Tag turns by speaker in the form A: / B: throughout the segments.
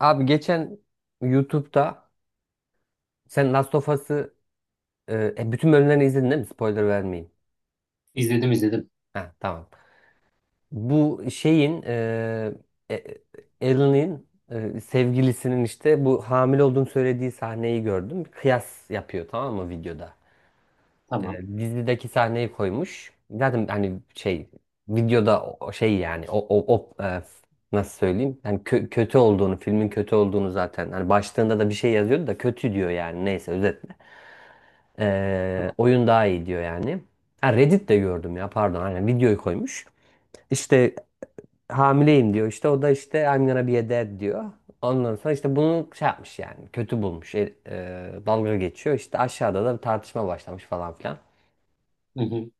A: Abi geçen YouTube'da sen Last of Us'ı bütün bölümlerini izledin değil mi? Spoiler vermeyeyim.
B: İzledim izledim.
A: Ha tamam. Bu şeyin e, Ellie'nin sevgilisinin işte bu hamile olduğunu söylediği sahneyi gördüm. Kıyas yapıyor tamam mı videoda? E,
B: Tamam.
A: dizideki sahneyi koymuş. Zaten hani şey videoda o şey yani nasıl söyleyeyim? Yani kötü olduğunu, filmin kötü olduğunu zaten hani başlığında da bir şey yazıyordu da kötü diyor yani neyse özet. Ee,
B: Tamam.
A: oyun daha iyi diyor yani. Ha Reddit'te gördüm ya pardon. Aynen videoyu koymuş. İşte hamileyim diyor. İşte o da işte I'm gonna be a dad diyor. Ondan sonra işte bunu şey yapmış yani. Kötü bulmuş. Dalga geçiyor. İşte aşağıda da bir tartışma başlamış falan filan.
B: Hı hı.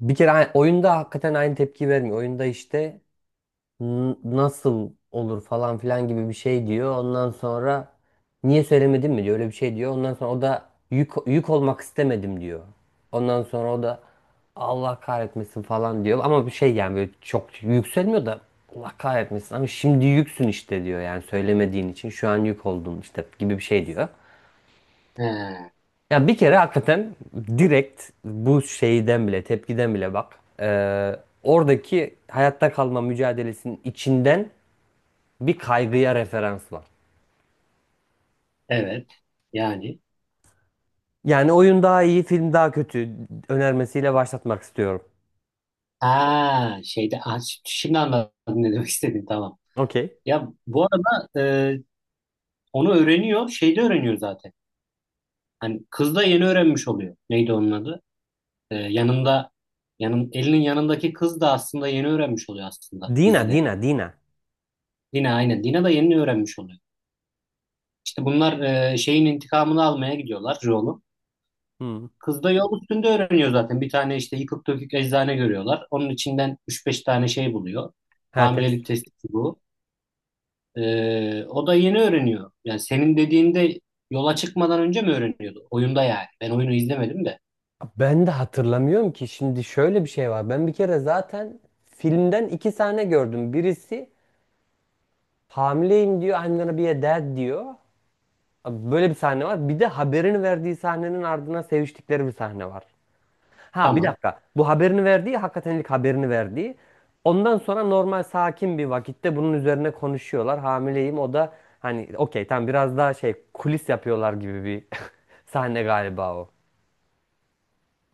A: Bir kere oyunda hakikaten aynı tepki vermiyor. Oyunda işte nasıl olur falan filan gibi bir şey diyor. Ondan sonra niye söylemedin mi diyor. Öyle bir şey diyor. Ondan sonra o da yük olmak istemedim diyor. Ondan sonra o da Allah kahretmesin falan diyor. Ama bir şey yani böyle çok yükselmiyor da Allah kahretmesin ama şimdi yüksün işte diyor. Yani söylemediğin için şu an yük oldun işte gibi bir şey diyor.
B: He,
A: Ya bir kere hakikaten direkt bu şeyden bile tepkiden bile bak. Oradaki hayatta kalma mücadelesinin içinden bir kaygıya referans var.
B: evet. Yani.
A: Yani oyun daha iyi, film daha kötü önermesiyle başlatmak istiyorum.
B: Ha şeyde, ha, şimdi anladım ne demek istediğini. Tamam.
A: Okey.
B: Ya bu arada e, onu öğreniyor. Şeyde öğreniyor zaten. Hani kız da yeni öğrenmiş oluyor. Neydi onun adı? E, yanında elinin yanındaki kız da aslında yeni öğrenmiş oluyor aslında
A: Dina,
B: dizide.
A: Dina, Dina.
B: Dina, aynen. Dina da yeni öğrenmiş oluyor. İşte bunlar, şeyin intikamını almaya gidiyorlar, Joel'un.
A: Hmm.
B: Kız da yol üstünde öğreniyor zaten. Bir tane işte yıkık dökük eczane görüyorlar. Onun içinden 3-5 tane şey buluyor.
A: Ha
B: Hamilelik
A: test.
B: testi bu. O da yeni öğreniyor. Yani senin dediğinde yola çıkmadan önce mi öğreniyordu? Oyunda yani. Ben oyunu izlemedim de.
A: Ben de hatırlamıyorum ki şimdi şöyle bir şey var. Ben bir kere zaten filmden iki sahne gördüm. Birisi hamileyim diyor, I'm gonna be a dad diyor. Böyle bir sahne var. Bir de haberini verdiği sahnenin ardına seviştikleri bir sahne var. Ha bir
B: Tamam.
A: dakika. Bu haberini verdiği hakikaten ilk haberini verdiği. Ondan sonra normal sakin bir vakitte bunun üzerine konuşuyorlar. Hamileyim o da hani okey tam biraz daha şey kulis yapıyorlar gibi bir sahne galiba o.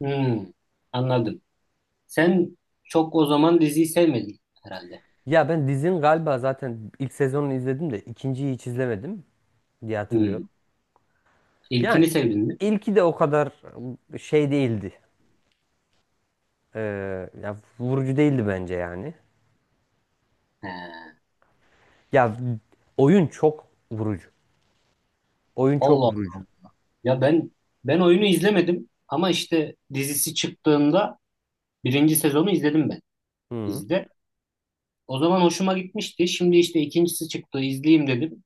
B: Hmm, Anladım. Sen çok o zaman diziyi sevmedin herhalde.
A: Ya ben dizinin galiba zaten ilk sezonunu izledim de ikinciyi hiç izlemedim diye
B: Hmm.
A: hatırlıyorum. Yani
B: İlkini sevdin mi?
A: ilki de o kadar şey değildi. Ee, ya vurucu değildi bence yani.
B: He.
A: Ya oyun çok vurucu. Oyun çok
B: Allah
A: vurucu.
B: Allah. Ya ben oyunu izlemedim ama işte dizisi çıktığında birinci sezonu izledim ben
A: Hı.
B: dizide. O zaman hoşuma gitmişti. Şimdi işte ikincisi çıktı, izleyeyim dedim.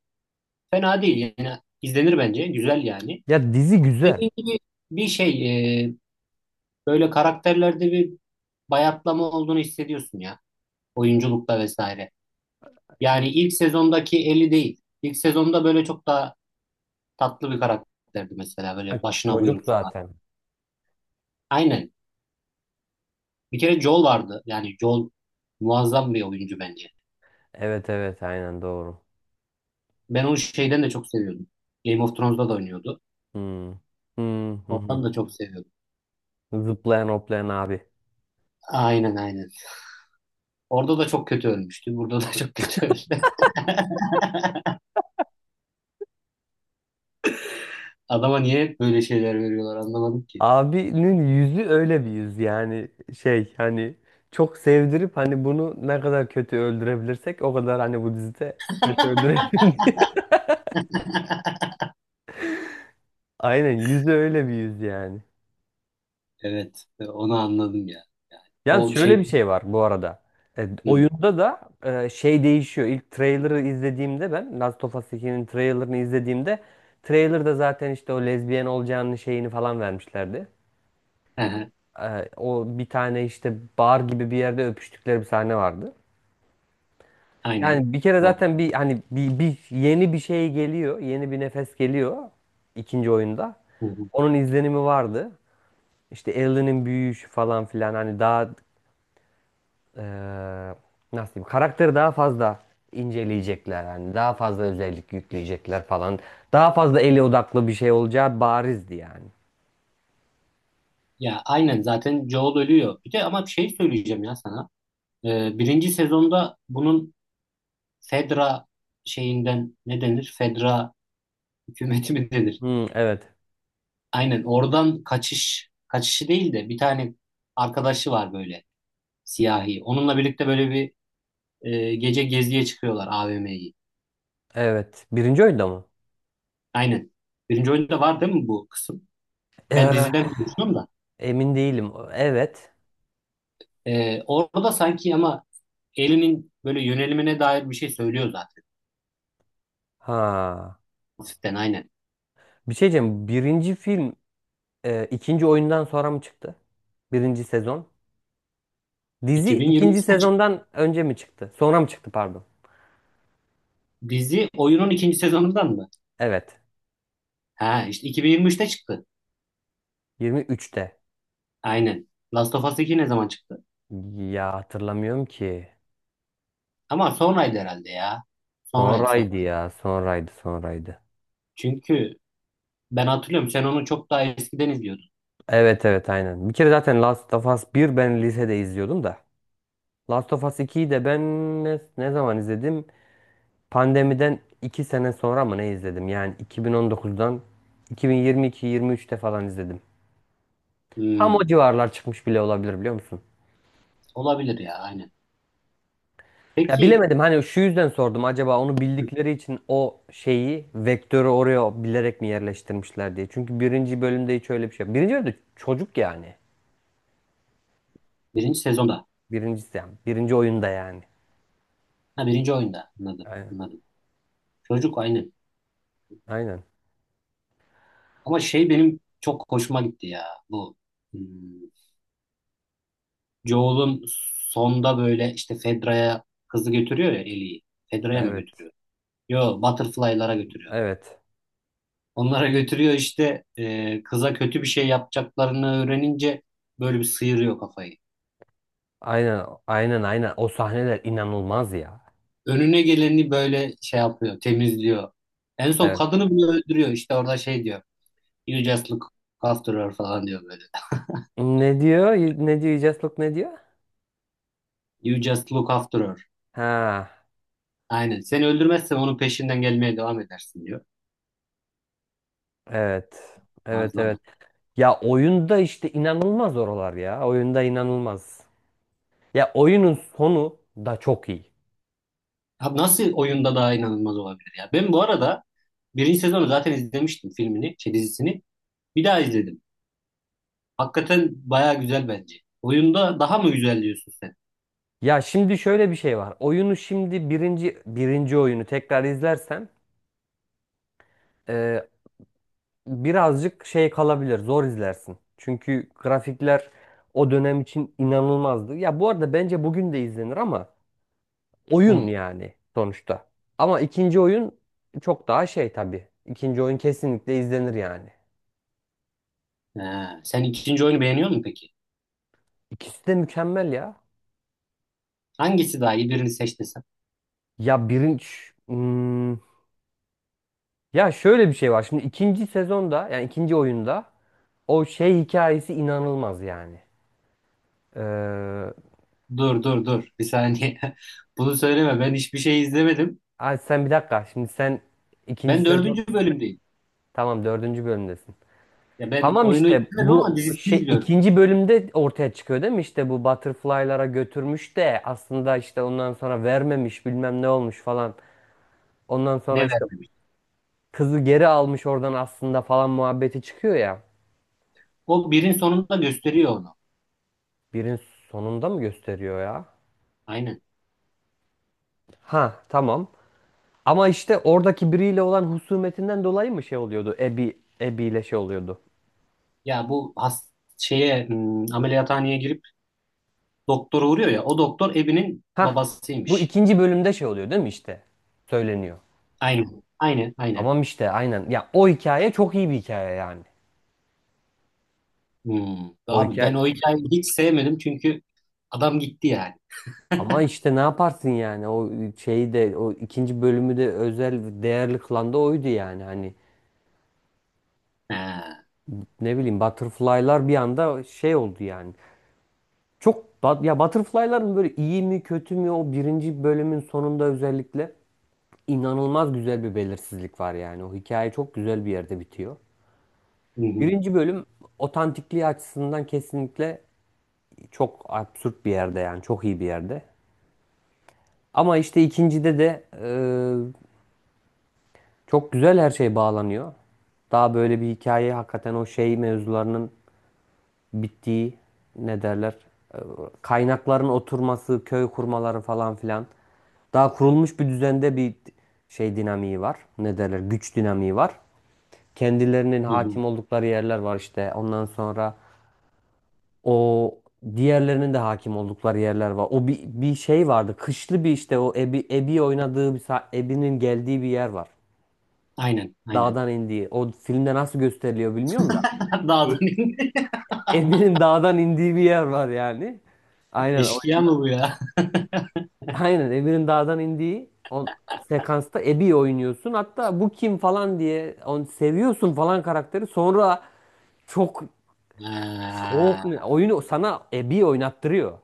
B: Fena değil, yani izlenir bence, güzel yani.
A: Ya dizi güzel.
B: Dediğim gibi bir şey, e, böyle karakterlerde bir bayatlama olduğunu hissediyorsun ya, oyunculukta vesaire. Yani ilk sezondaki Ellie değil. İlk sezonda böyle çok daha tatlı bir karakterdi mesela,
A: Ay,
B: böyle başına
A: çocuk
B: buyruk falan.
A: zaten.
B: Aynen. Bir kere Joel vardı. Yani Joel muazzam bir oyuncu bence.
A: Evet evet aynen doğru.
B: Ben onu şeyden de çok seviyordum. Game of Thrones'da da oynuyordu.
A: Hmm. Hmm, hı hı.
B: Oradan da çok seviyordum.
A: Zıplayan hoplayan abi.
B: Aynen aynen. Orada da çok kötü ölmüştü. Burada da çok kötü öldü. Adama niye hep böyle şeyler veriyorlar anlamadım ki.
A: Abinin yüzü öyle bir yüz yani şey hani çok sevdirip hani bunu ne kadar kötü öldürebilirsek o kadar hani bu dizide kötü öldürelim diye. Aynen yüzü öyle bir yüz yani.
B: Evet, onu anladım ya. Yani
A: Yani
B: o
A: şöyle bir
B: şey,
A: şey var bu arada. E,
B: hı,
A: oyunda da şey değişiyor. İlk trailer'ı izlediğimde ben Last of Us 2'nin trailer'ını izlediğimde trailer'da zaten işte o lezbiyen olacağını şeyini falan vermişlerdi.
B: hı,
A: O bir tane işte bar gibi bir yerde öpüştükleri bir sahne vardı.
B: aynen.
A: Yani bir kere
B: Doğru.
A: zaten bir hani bir yeni bir şey geliyor. Yeni bir nefes geliyor ikinci oyunda.
B: Hı hı.
A: Onun izlenimi vardı. İşte Ellie'nin büyüyüşü falan filan hani daha eee, nasıl diyeyim karakteri daha fazla inceleyecekler yani daha fazla özellik yükleyecekler falan. Daha fazla ele odaklı bir şey olacağı barizdi yani.
B: Ya aynen, zaten Joel ölüyor. Bir de ama bir şey söyleyeceğim ya sana. Birinci sezonda bunun Fedra şeyinden ne denir? Fedra hükümeti mi denir?
A: Hmm, evet.
B: Aynen, oradan kaçış, kaçışı değil de bir tane arkadaşı var böyle, siyahi. Onunla birlikte böyle bir, gece geziye çıkıyorlar, AVM'yi.
A: Evet. Birinci oyunda mı?
B: Aynen. Birinci oyunda var değil mi bu kısım? Ben
A: Eee,
B: diziden konuşuyorum da.
A: emin değilim. Evet.
B: Orada sanki ama Ellie'nin böyle yönelimine dair bir şey söylüyor zaten.
A: Ha.
B: Hafiften, aynen.
A: Bir şey diyeceğim. Birinci film ikinci oyundan sonra mı çıktı? Birinci sezon. Dizi ikinci
B: 2023'te çıktı.
A: sezondan önce mi çıktı? Sonra mı çıktı pardon.
B: Dizi oyunun ikinci sezonundan mı?
A: Evet.
B: Ha işte 2023'te çıktı.
A: 23'te.
B: Aynen. Last of Us 2 ne zaman çıktı?
A: Ya hatırlamıyorum ki.
B: Ama sonraydı herhalde ya. Sonraydı, son.
A: Sonraydı ya. Sonraydı, sonraydı.
B: Çünkü ben hatırlıyorum, sen onu çok daha eskiden izliyordun.
A: Evet evet aynen. Bir kere zaten Last of Us 1 ben lisede izliyordum da. Last of Us 2'yi de ben ne zaman izledim? Pandemiden 2 sene sonra mı ne izledim? Yani 2019'dan 2022-23'te falan izledim. Tam o
B: Hmm,
A: civarlar çıkmış bile olabilir biliyor musun?
B: Olabilir ya, aynen.
A: Ya
B: Peki
A: bilemedim hani şu yüzden sordum acaba onu bildikleri için o şeyi vektörü oraya bilerek mi yerleştirmişler diye. Çünkü birinci bölümde hiç öyle bir şey yok. Birinci bölümde çocuk yani.
B: birinci sezonda
A: Birincisi yani. Birinci oyunda yani.
B: Ha, birinci oyunda, anladım
A: Aynen.
B: anladım. Çocuk aynı.
A: Aynen.
B: Ama şey, benim çok hoşuma gitti ya bu. Hmm, Joel'un sonda böyle işte Fedra'ya kızı götürüyor ya, Ellie'yi. Fedra'ya mı
A: Evet.
B: götürüyor? Yo, Butterfly'lara götürüyor.
A: Evet.
B: Onlara götürüyor işte, kıza kötü bir şey yapacaklarını öğrenince böyle bir sıyırıyor kafayı.
A: Aynen. Aynen aynen. O sahneler inanılmaz ya.
B: Önüne geleni böyle şey yapıyor, temizliyor. En son
A: Evet.
B: kadını bile öldürüyor. İşte orada şey diyor. You just look after her falan diyor böyle.
A: Ne diyor? Ne diyor? You Just Look ne diyor?
B: You just look after her.
A: Ha.
B: Aynen. Seni öldürmezsem onun peşinden gelmeye devam edersin diyor.
A: Evet. Evet
B: Muazzam.
A: evet. Ya oyunda işte inanılmaz oralar ya. Oyunda inanılmaz. Ya oyunun sonu da çok iyi.
B: Abi nasıl oyunda daha inanılmaz olabilir ya? Ben bu arada birinci sezonu zaten izlemiştim, filmini, şey, dizisini. Bir daha izledim. Hakikaten baya güzel bence. Oyunda daha mı güzel diyorsun sen?
A: Ya şimdi şöyle bir şey var. Oyunu şimdi birinci oyunu tekrar izlersen birazcık şey kalabilir, zor izlersin. Çünkü grafikler o dönem için inanılmazdı. Ya bu arada bence bugün de izlenir ama oyun
B: Hı.
A: yani sonuçta. Ama ikinci oyun çok daha şey tabii. İkinci oyun kesinlikle izlenir yani.
B: Ha, sen ikinci oyunu beğeniyor musun peki?
A: İkisi de mükemmel ya.
B: Hangisi daha iyi, birini seç desem?
A: Ya birinci... Hmm, ya şöyle bir şey var. Şimdi ikinci sezonda yani ikinci oyunda o şey hikayesi inanılmaz yani. Ee,
B: Dur dur dur bir saniye. Bunu söyleme, ben hiçbir şey izlemedim.
A: ay sen bir dakika. Şimdi sen ikinci
B: Ben
A: sezon...
B: dördüncü bölümdeyim.
A: Tamam dördüncü bölümdesin.
B: Ya ben
A: Tamam
B: oyunu
A: işte
B: izlemedim ama
A: bu
B: dizisini
A: şey
B: izliyorum.
A: ikinci bölümde ortaya çıkıyor değil mi? İşte bu butterfly'lara götürmüş de aslında işte ondan sonra vermemiş bilmem ne olmuş falan. Ondan
B: Ne
A: sonra işte
B: vermemiş.
A: kızı geri almış oradan aslında falan muhabbeti çıkıyor ya.
B: O birin sonunda gösteriyor onu.
A: Birin sonunda mı gösteriyor ya?
B: Aynen.
A: Ha tamam. Ama işte oradaki biriyle olan husumetinden dolayı mı şey oluyordu? Abby, Abby ile şey oluyordu.
B: Ya bu, şeye, ameliyathaneye girip doktora uğruyor ya, o doktor Ebi'nin
A: Ha bu
B: babasıymış.
A: ikinci bölümde şey oluyor değil mi işte? Söyleniyor.
B: Aynen. Aynen. Aynen.
A: Tamam işte aynen. Ya o hikaye çok iyi bir hikaye yani.
B: Hmm.
A: O
B: Abi ben o
A: hikaye
B: hikayeyi hiç sevmedim çünkü adam gitti yani.
A: Ama işte ne yaparsın yani o şeyi de o ikinci bölümü de özel değerli kılan da oydu yani hani
B: Ha.
A: ne bileyim Butterfly'lar bir anda şey oldu yani. Ya Butterfly'ların böyle iyi mi kötü mü o birinci bölümün sonunda özellikle inanılmaz güzel bir belirsizlik var yani o hikaye çok güzel bir yerde bitiyor.
B: Hı hı.
A: Birinci bölüm otantikliği açısından kesinlikle çok absürt bir yerde yani çok iyi bir yerde. Ama işte ikincide de çok güzel her şey bağlanıyor. Daha böyle bir hikaye hakikaten o şey mevzularının bittiği ne derler? e, Kaynakların oturması, köy kurmaları falan filan. Daha kurulmuş bir düzende bir şey dinamiği var. Ne derler? Güç dinamiği var. Kendilerinin
B: Hı hı.
A: hakim oldukları yerler var işte. Ondan sonra o diğerlerinin de hakim oldukları yerler var. O bir şey vardı. Kışlı bir işte o Ebi oynadığı bir Ebi'nin geldiği bir yer var.
B: Aynen. Aynen.
A: Dağdan indiği. O filmde nasıl gösteriliyor bilmiyorum da.
B: Dağdan indi.
A: Emir'in dağdan indiği bir yer var yani. Aynen
B: Eşkıya mı
A: oyunda.
B: bu ya?
A: Aynen Emir'in dağdan indiği o sekansta Ebi'yi oynuyorsun. Hatta bu kim falan diye onu seviyorsun falan karakteri. Sonra çok çok
B: Ha.
A: oyunu sana Ebi oynattırıyor.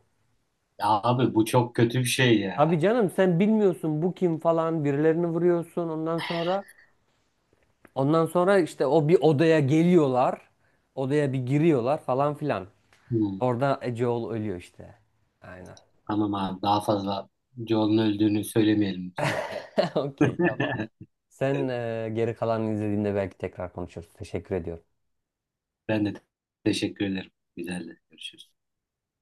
B: Ya abi bu çok kötü bir şey
A: Abi
B: ya.
A: canım sen bilmiyorsun bu kim falan birilerini vuruyorsun ondan sonra işte o bir odaya geliyorlar. Odaya bir giriyorlar falan filan.
B: Hmm.
A: Orada Joel ölüyor işte. Aynen.
B: Tamam abi, daha fazla Joel'un öldüğünü söylemeyelim lütfen.
A: Okey, tamam. Sen geri kalanını izlediğinde belki tekrar konuşuruz. Teşekkür ediyorum.
B: Ben de teşekkür ederim. Güzel de görüşürüz.